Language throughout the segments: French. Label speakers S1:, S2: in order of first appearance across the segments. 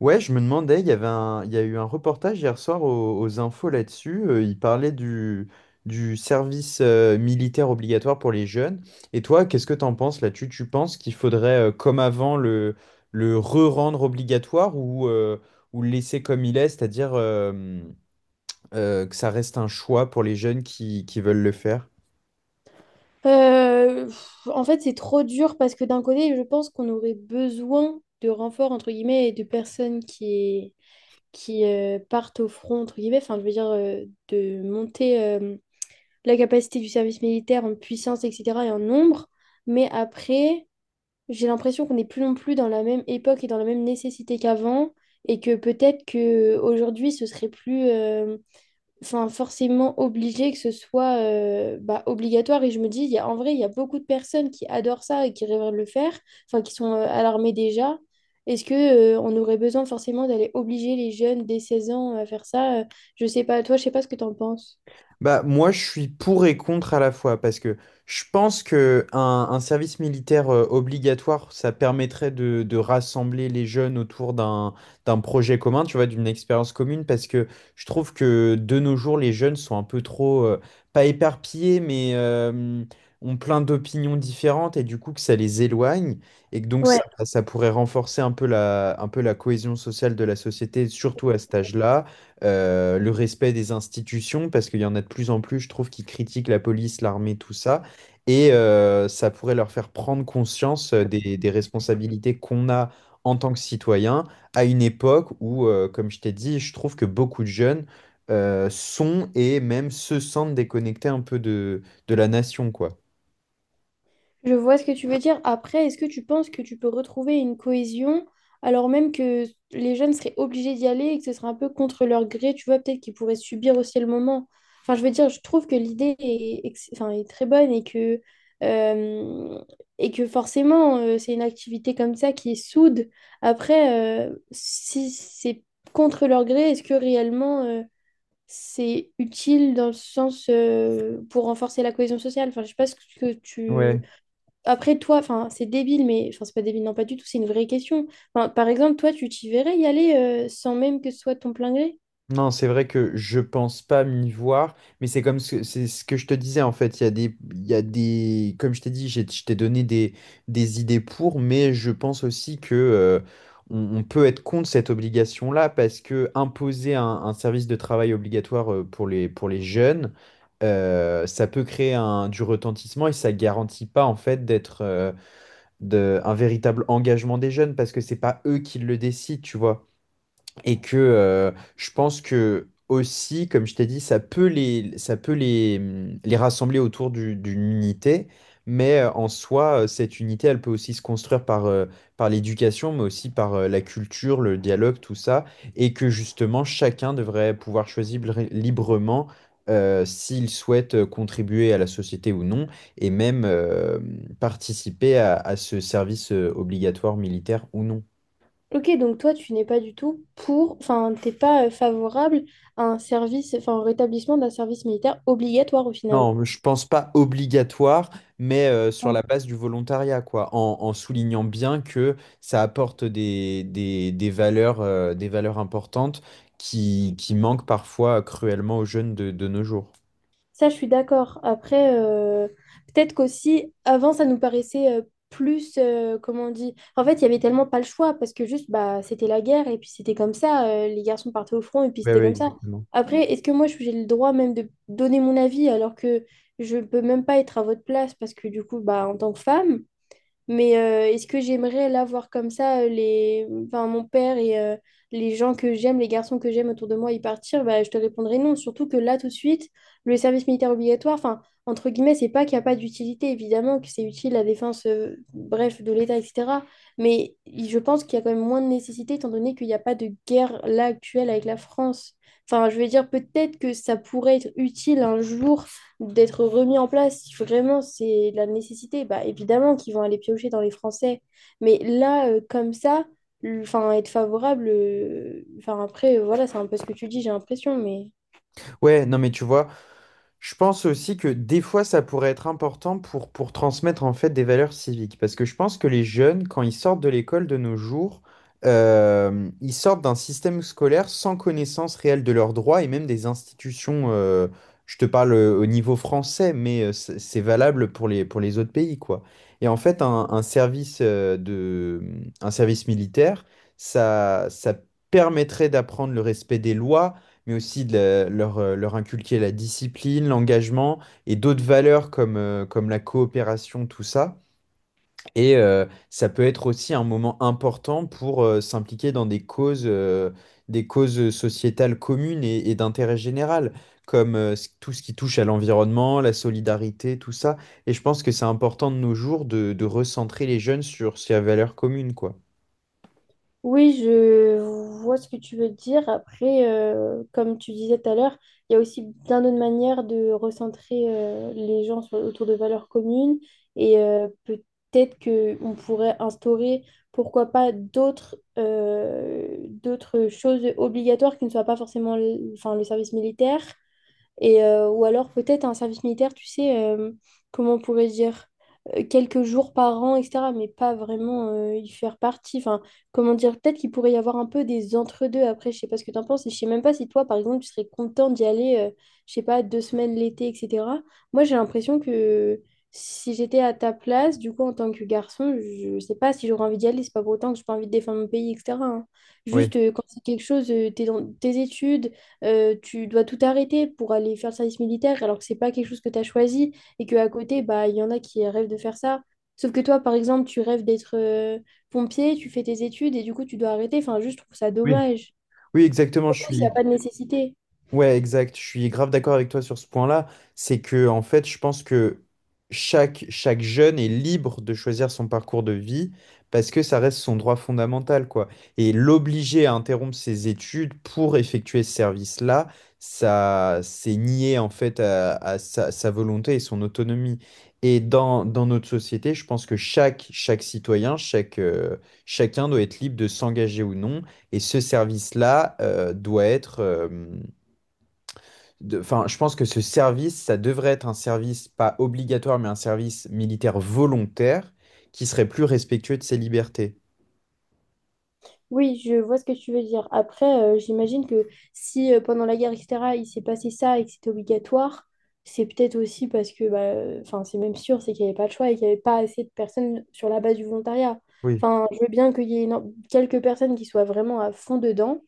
S1: Ouais, je me demandais, il y a eu un reportage hier soir aux infos là-dessus. Il parlait du service militaire obligatoire pour les jeunes. Et toi, qu'est-ce que t'en penses là-dessus? Tu penses qu'il faudrait, comme avant, le re-rendre obligatoire ou ou le laisser comme il est, c'est-à-dire que ça reste un choix pour les jeunes qui veulent le faire?
S2: En fait, c'est trop dur parce que d'un côté, je pense qu'on aurait besoin de renforts, entre guillemets, et de personnes qui partent au front, entre guillemets, enfin, je veux dire, de monter la capacité du service militaire en puissance, etc., et en nombre. Mais après, j'ai l'impression qu'on n'est plus non plus dans la même époque et dans la même nécessité qu'avant, et que peut-être que aujourd'hui ce serait plus, enfin, forcément obligé que ce soit bah, obligatoire. Et je me dis, il y a, en vrai, il y a beaucoup de personnes qui adorent ça et qui rêveraient de le faire, enfin, qui sont à l'armée déjà. Est-ce que on aurait besoin forcément d'aller obliger les jeunes dès 16 ans à faire ça? Je sais pas, toi, je sais pas ce que tu en penses.
S1: Bah, moi, je suis pour et contre à la fois, parce que je pense que un service militaire obligatoire, ça permettrait de rassembler les jeunes autour d'un d'un projet commun, tu vois, d'une expérience commune, parce que je trouve que de nos jours, les jeunes sont un peu trop, pas éparpillés, mais ont plein d'opinions différentes, et du coup, que ça les éloigne, et que donc ça,
S2: Ouais,
S1: ça pourrait renforcer un peu un peu la cohésion sociale de la société, surtout à cet âge-là, le respect des institutions, parce qu'il y en a de plus en plus, je trouve, qui critiquent la police, l'armée, tout ça. Et ça pourrait leur faire prendre conscience des responsabilités qu'on a en tant que citoyen à une époque où, comme je t'ai dit, je trouve que beaucoup de jeunes sont et même se sentent déconnectés un peu de la nation, quoi.
S2: je vois ce que tu veux dire. Après, est-ce que tu penses que tu peux retrouver une cohésion alors même que les jeunes seraient obligés d'y aller et que ce serait un peu contre leur gré, tu vois, peut-être qu'ils pourraient subir aussi le moment. Enfin, je veux dire, je trouve que l'idée est, ex- enfin, est très bonne euh, et que forcément, c'est une activité comme ça qui est soude. Après, si c'est contre leur gré, est-ce que réellement, c'est utile dans le sens, pour renforcer la cohésion sociale? Enfin, je sais pas ce que tu
S1: Ouais.
S2: après, toi, enfin, c'est débile, mais enfin, c'est pas débile, non, pas du tout, c'est une vraie question. Enfin, par exemple, toi, tu t'y verrais y aller sans même que ce soit ton plein gré?
S1: Non, c'est vrai que je pense pas m'y voir, mais c'est c'est ce que je te disais en fait. Il y a des, il y a des, comme je t'ai dit, je t'ai donné des idées pour, mais je pense aussi que on peut être contre cette obligation-là parce que imposer un service de travail obligatoire pour pour les jeunes, ça peut créer du retentissement et ça garantit pas en fait un véritable engagement des jeunes parce que c'est pas eux qui le décident, tu vois. Et que Je pense que aussi, comme je t'ai dit, ça peut les rassembler autour d'une unité, mais en soi, cette unité, elle peut aussi se construire par l'éducation, mais aussi par la culture, le dialogue, tout ça, et que justement, chacun devrait pouvoir choisir librement s'il souhaite contribuer à la société ou non, et même participer à ce service obligatoire militaire ou non.
S2: Ok, donc toi, tu n'es pas du tout pour, enfin, t'es pas favorable à un service, enfin, au rétablissement d'un service militaire obligatoire au final.
S1: Non, je pense pas obligatoire, mais sur la base du volontariat, quoi, en soulignant bien que ça apporte des valeurs, des valeurs importantes qui manquent parfois cruellement aux jeunes de nos jours.
S2: Ça, je suis d'accord. Après, peut-être qu'aussi, avant, ça nous paraissait plus, comment on dit, en fait, il y avait tellement pas le choix parce que juste, bah, c'était la guerre et puis c'était comme ça, les garçons partaient au front et puis
S1: Oui, oui,
S2: c'était comme ça.
S1: exactement.
S2: Après, est-ce que moi, j'ai le droit même de donner mon avis alors que je peux même pas être à votre place parce que du coup, bah, en tant que femme, mais est-ce que j'aimerais là voir comme ça enfin, mon père et les gens que j'aime, les garçons que j'aime autour de moi y partir? Bah, je te répondrai non. Surtout que là, tout de suite, le service militaire obligatoire, enfin, entre guillemets, c'est pas qu'il n'y a pas d'utilité, évidemment, que c'est utile à la défense, bref, de l'État, etc. Mais je pense qu'il y a quand même moins de nécessité étant donné qu'il n'y a pas de guerre là actuelle avec la France. Enfin, je veux dire, peut-être que ça pourrait être utile un jour d'être remis en place. Il faut vraiment, c'est de la nécessité. Bah, évidemment qu'ils vont aller piocher dans les Français. Mais là, comme ça, enfin, être favorable, enfin, après, voilà, c'est un peu ce que tu dis, j'ai l'impression, mais.
S1: Ouais, non, mais tu vois, je pense aussi que des fois, ça pourrait être important pour transmettre en fait des valeurs civiques. Parce que je pense que les jeunes, quand ils sortent de l'école de nos jours, ils sortent d'un système scolaire sans connaissance réelle de leurs droits et même des institutions. Je te parle au niveau français, mais c'est valable pour pour les autres pays, quoi. Et en fait, un service militaire, ça permettrait d'apprendre le respect des lois mais aussi de leur inculquer la discipline, l'engagement et d'autres valeurs comme la coopération, tout ça. Et ça peut être aussi un moment important pour s'impliquer dans des des causes sociétales communes et d'intérêt général, comme tout ce qui touche à l'environnement, la solidarité, tout ça. Et je pense que c'est important de nos jours de recentrer les jeunes sur ces valeurs communes, quoi.
S2: Oui, je vois ce que tu veux dire. Après, comme tu disais tout à l'heure, il y a aussi bien d'autres manières de recentrer les gens autour de valeurs communes et peut-être que on pourrait instaurer, pourquoi pas, d'autres choses obligatoires qui ne soient pas forcément le, enfin, le service militaire et, ou alors peut-être un service militaire, tu sais, comment on pourrait dire, quelques jours par an, etc. Mais pas vraiment y faire partie. Enfin, comment dire, peut-être qu'il pourrait y avoir un peu des entre-deux après, je sais pas ce que t'en penses. Et je sais même pas si toi, par exemple, tu serais content d'y aller, je sais pas, 2 semaines l'été, etc. Moi, j'ai l'impression que si j'étais à ta place, du coup, en tant que garçon, je sais pas si j'aurais envie d'y aller. C'est pas pour autant que j'ai pas envie de défendre mon pays, etc. hein.
S1: Oui,
S2: Juste, quand c'est quelque chose, t'es dans tes études tu dois tout arrêter pour aller faire le service militaire alors que c'est pas quelque chose que tu as choisi et que à côté, bah, il y en a qui rêvent de faire ça. Sauf que toi, par exemple, tu rêves d'être pompier, tu fais tes études et du coup, tu dois arrêter. Enfin, juste, je trouve ça
S1: oui.
S2: dommage.
S1: Oui, exactement, je
S2: Surtout s'il n'y a
S1: suis,
S2: pas de nécessité.
S1: ouais, exact. Je suis grave d'accord avec toi sur ce point-là. C'est que, en fait, je pense que chaque jeune est libre de choisir son parcours de vie parce que ça reste son droit fondamental, quoi. Et l'obliger à interrompre ses études pour effectuer ce service-là, ça, c'est nier, en fait, à sa volonté et son autonomie. Et dans notre société, je pense que chacun doit être libre de s'engager ou non. Et ce service-là, doit être, Enfin, je pense que ce service, ça devrait être un service pas obligatoire, mais un service militaire volontaire qui serait plus respectueux de ses libertés.
S2: Oui, je vois ce que tu veux dire. Après, j'imagine que si pendant la guerre, etc., il s'est passé ça et que c'était obligatoire, c'est peut-être aussi parce que, bah, enfin, c'est même sûr, c'est qu'il n'y avait pas de choix et qu'il n'y avait pas assez de personnes sur la base du volontariat.
S1: Oui.
S2: Enfin, je veux bien qu'il y ait quelques personnes qui soient vraiment à fond dedans,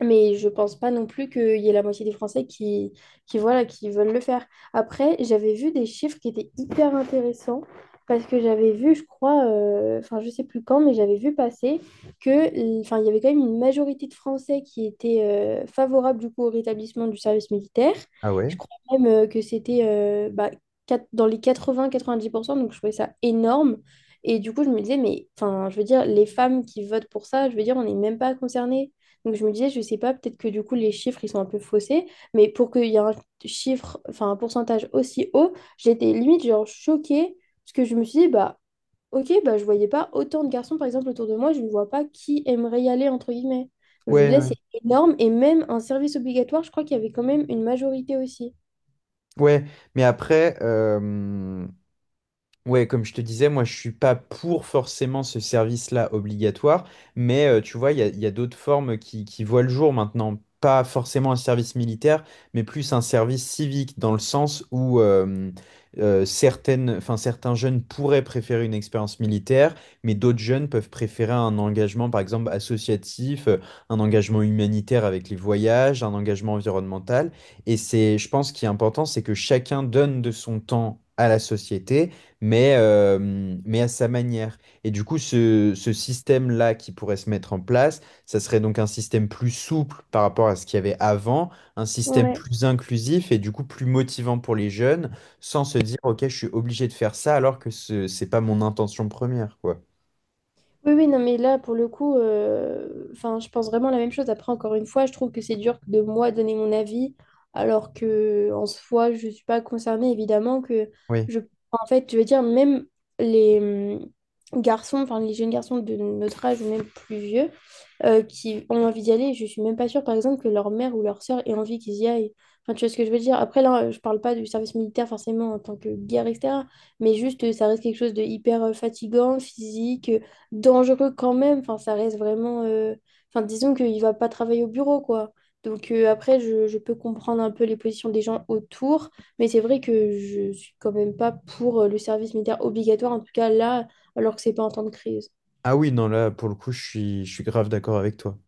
S2: mais je pense pas non plus qu'il y ait la moitié des Français qui, voilà, qui veulent le faire. Après, j'avais vu des chiffres qui étaient hyper intéressants parce que j'avais vu, je crois, enfin, je sais plus quand, mais j'avais vu passer que, enfin, il y avait quand même une majorité de Français qui étaient favorables du coup au rétablissement du service militaire.
S1: Ah ouais?
S2: Je crois même que c'était bah, dans les 80-90% donc je trouvais ça énorme. Et du coup, je me disais, mais enfin, je veux dire, les femmes qui votent pour ça, je veux dire, on n'est même pas concerné. Donc je me disais, je sais pas, peut-être que du coup les chiffres ils sont un peu faussés, mais pour qu'il y ait un chiffre, enfin un pourcentage aussi haut, j'étais limite genre choquée, parce que je me suis dit, bah ok, bah je voyais pas autant de garçons par exemple autour de moi, je ne vois pas qui aimerait y aller entre guillemets. Donc je me
S1: Ouais,
S2: disais,
S1: ouais.
S2: c'est énorme, et même un service obligatoire, je crois qu'il y avait quand même une majorité aussi.
S1: Ouais, mais après, euh, Ouais, comme je te disais, moi je suis pas pour forcément ce service-là obligatoire, mais tu vois, il y a d'autres formes qui voient le jour maintenant. Pas forcément un service militaire, mais plus un service civique, dans le sens où enfin, certains jeunes pourraient préférer une expérience militaire, mais d'autres jeunes peuvent préférer un engagement, par exemple, associatif, un engagement humanitaire avec les voyages, un engagement environnemental. Et c'est, je pense, ce qui est important, c'est que chacun donne de son temps à la société mais, euh, mais à sa manière. Et du coup, ce système-là qui pourrait se mettre en place, ça serait donc un système plus souple par rapport à ce qu'il y avait avant, un système
S2: Ouais.
S1: plus inclusif et du coup plus motivant pour les jeunes, sans se dire, OK, je suis obligé de faire ça alors que c'est pas mon intention première, quoi.
S2: Oui, oui, non, mais là, pour le coup, enfin, je pense vraiment la même chose. Après, encore une fois, je trouve que c'est dur de moi donner mon avis, alors que en soi, je ne suis pas concernée, évidemment, que
S1: Oui.
S2: je... En fait, je veux dire, même les garçons, enfin, les jeunes garçons de notre âge ou même plus vieux, qui ont envie d'y aller, je suis même pas sûre, par exemple, que leur mère ou leur sœur ait envie qu'ils y aillent. Enfin, tu vois ce que je veux dire? Après, là, je parle pas du service militaire forcément en tant que guerre, etc. Mais juste, ça reste quelque chose de hyper fatigant, physique dangereux quand même. Enfin, ça reste vraiment. Enfin, disons qu'il va pas travailler au bureau, quoi. Donc après, je peux comprendre un peu les positions des gens autour, mais c'est vrai que je suis quand même pas pour le service militaire obligatoire, en tout cas là, alors que c'est pas en temps de crise.
S1: Ah oui, non, là, pour le coup, je suis grave d'accord avec toi.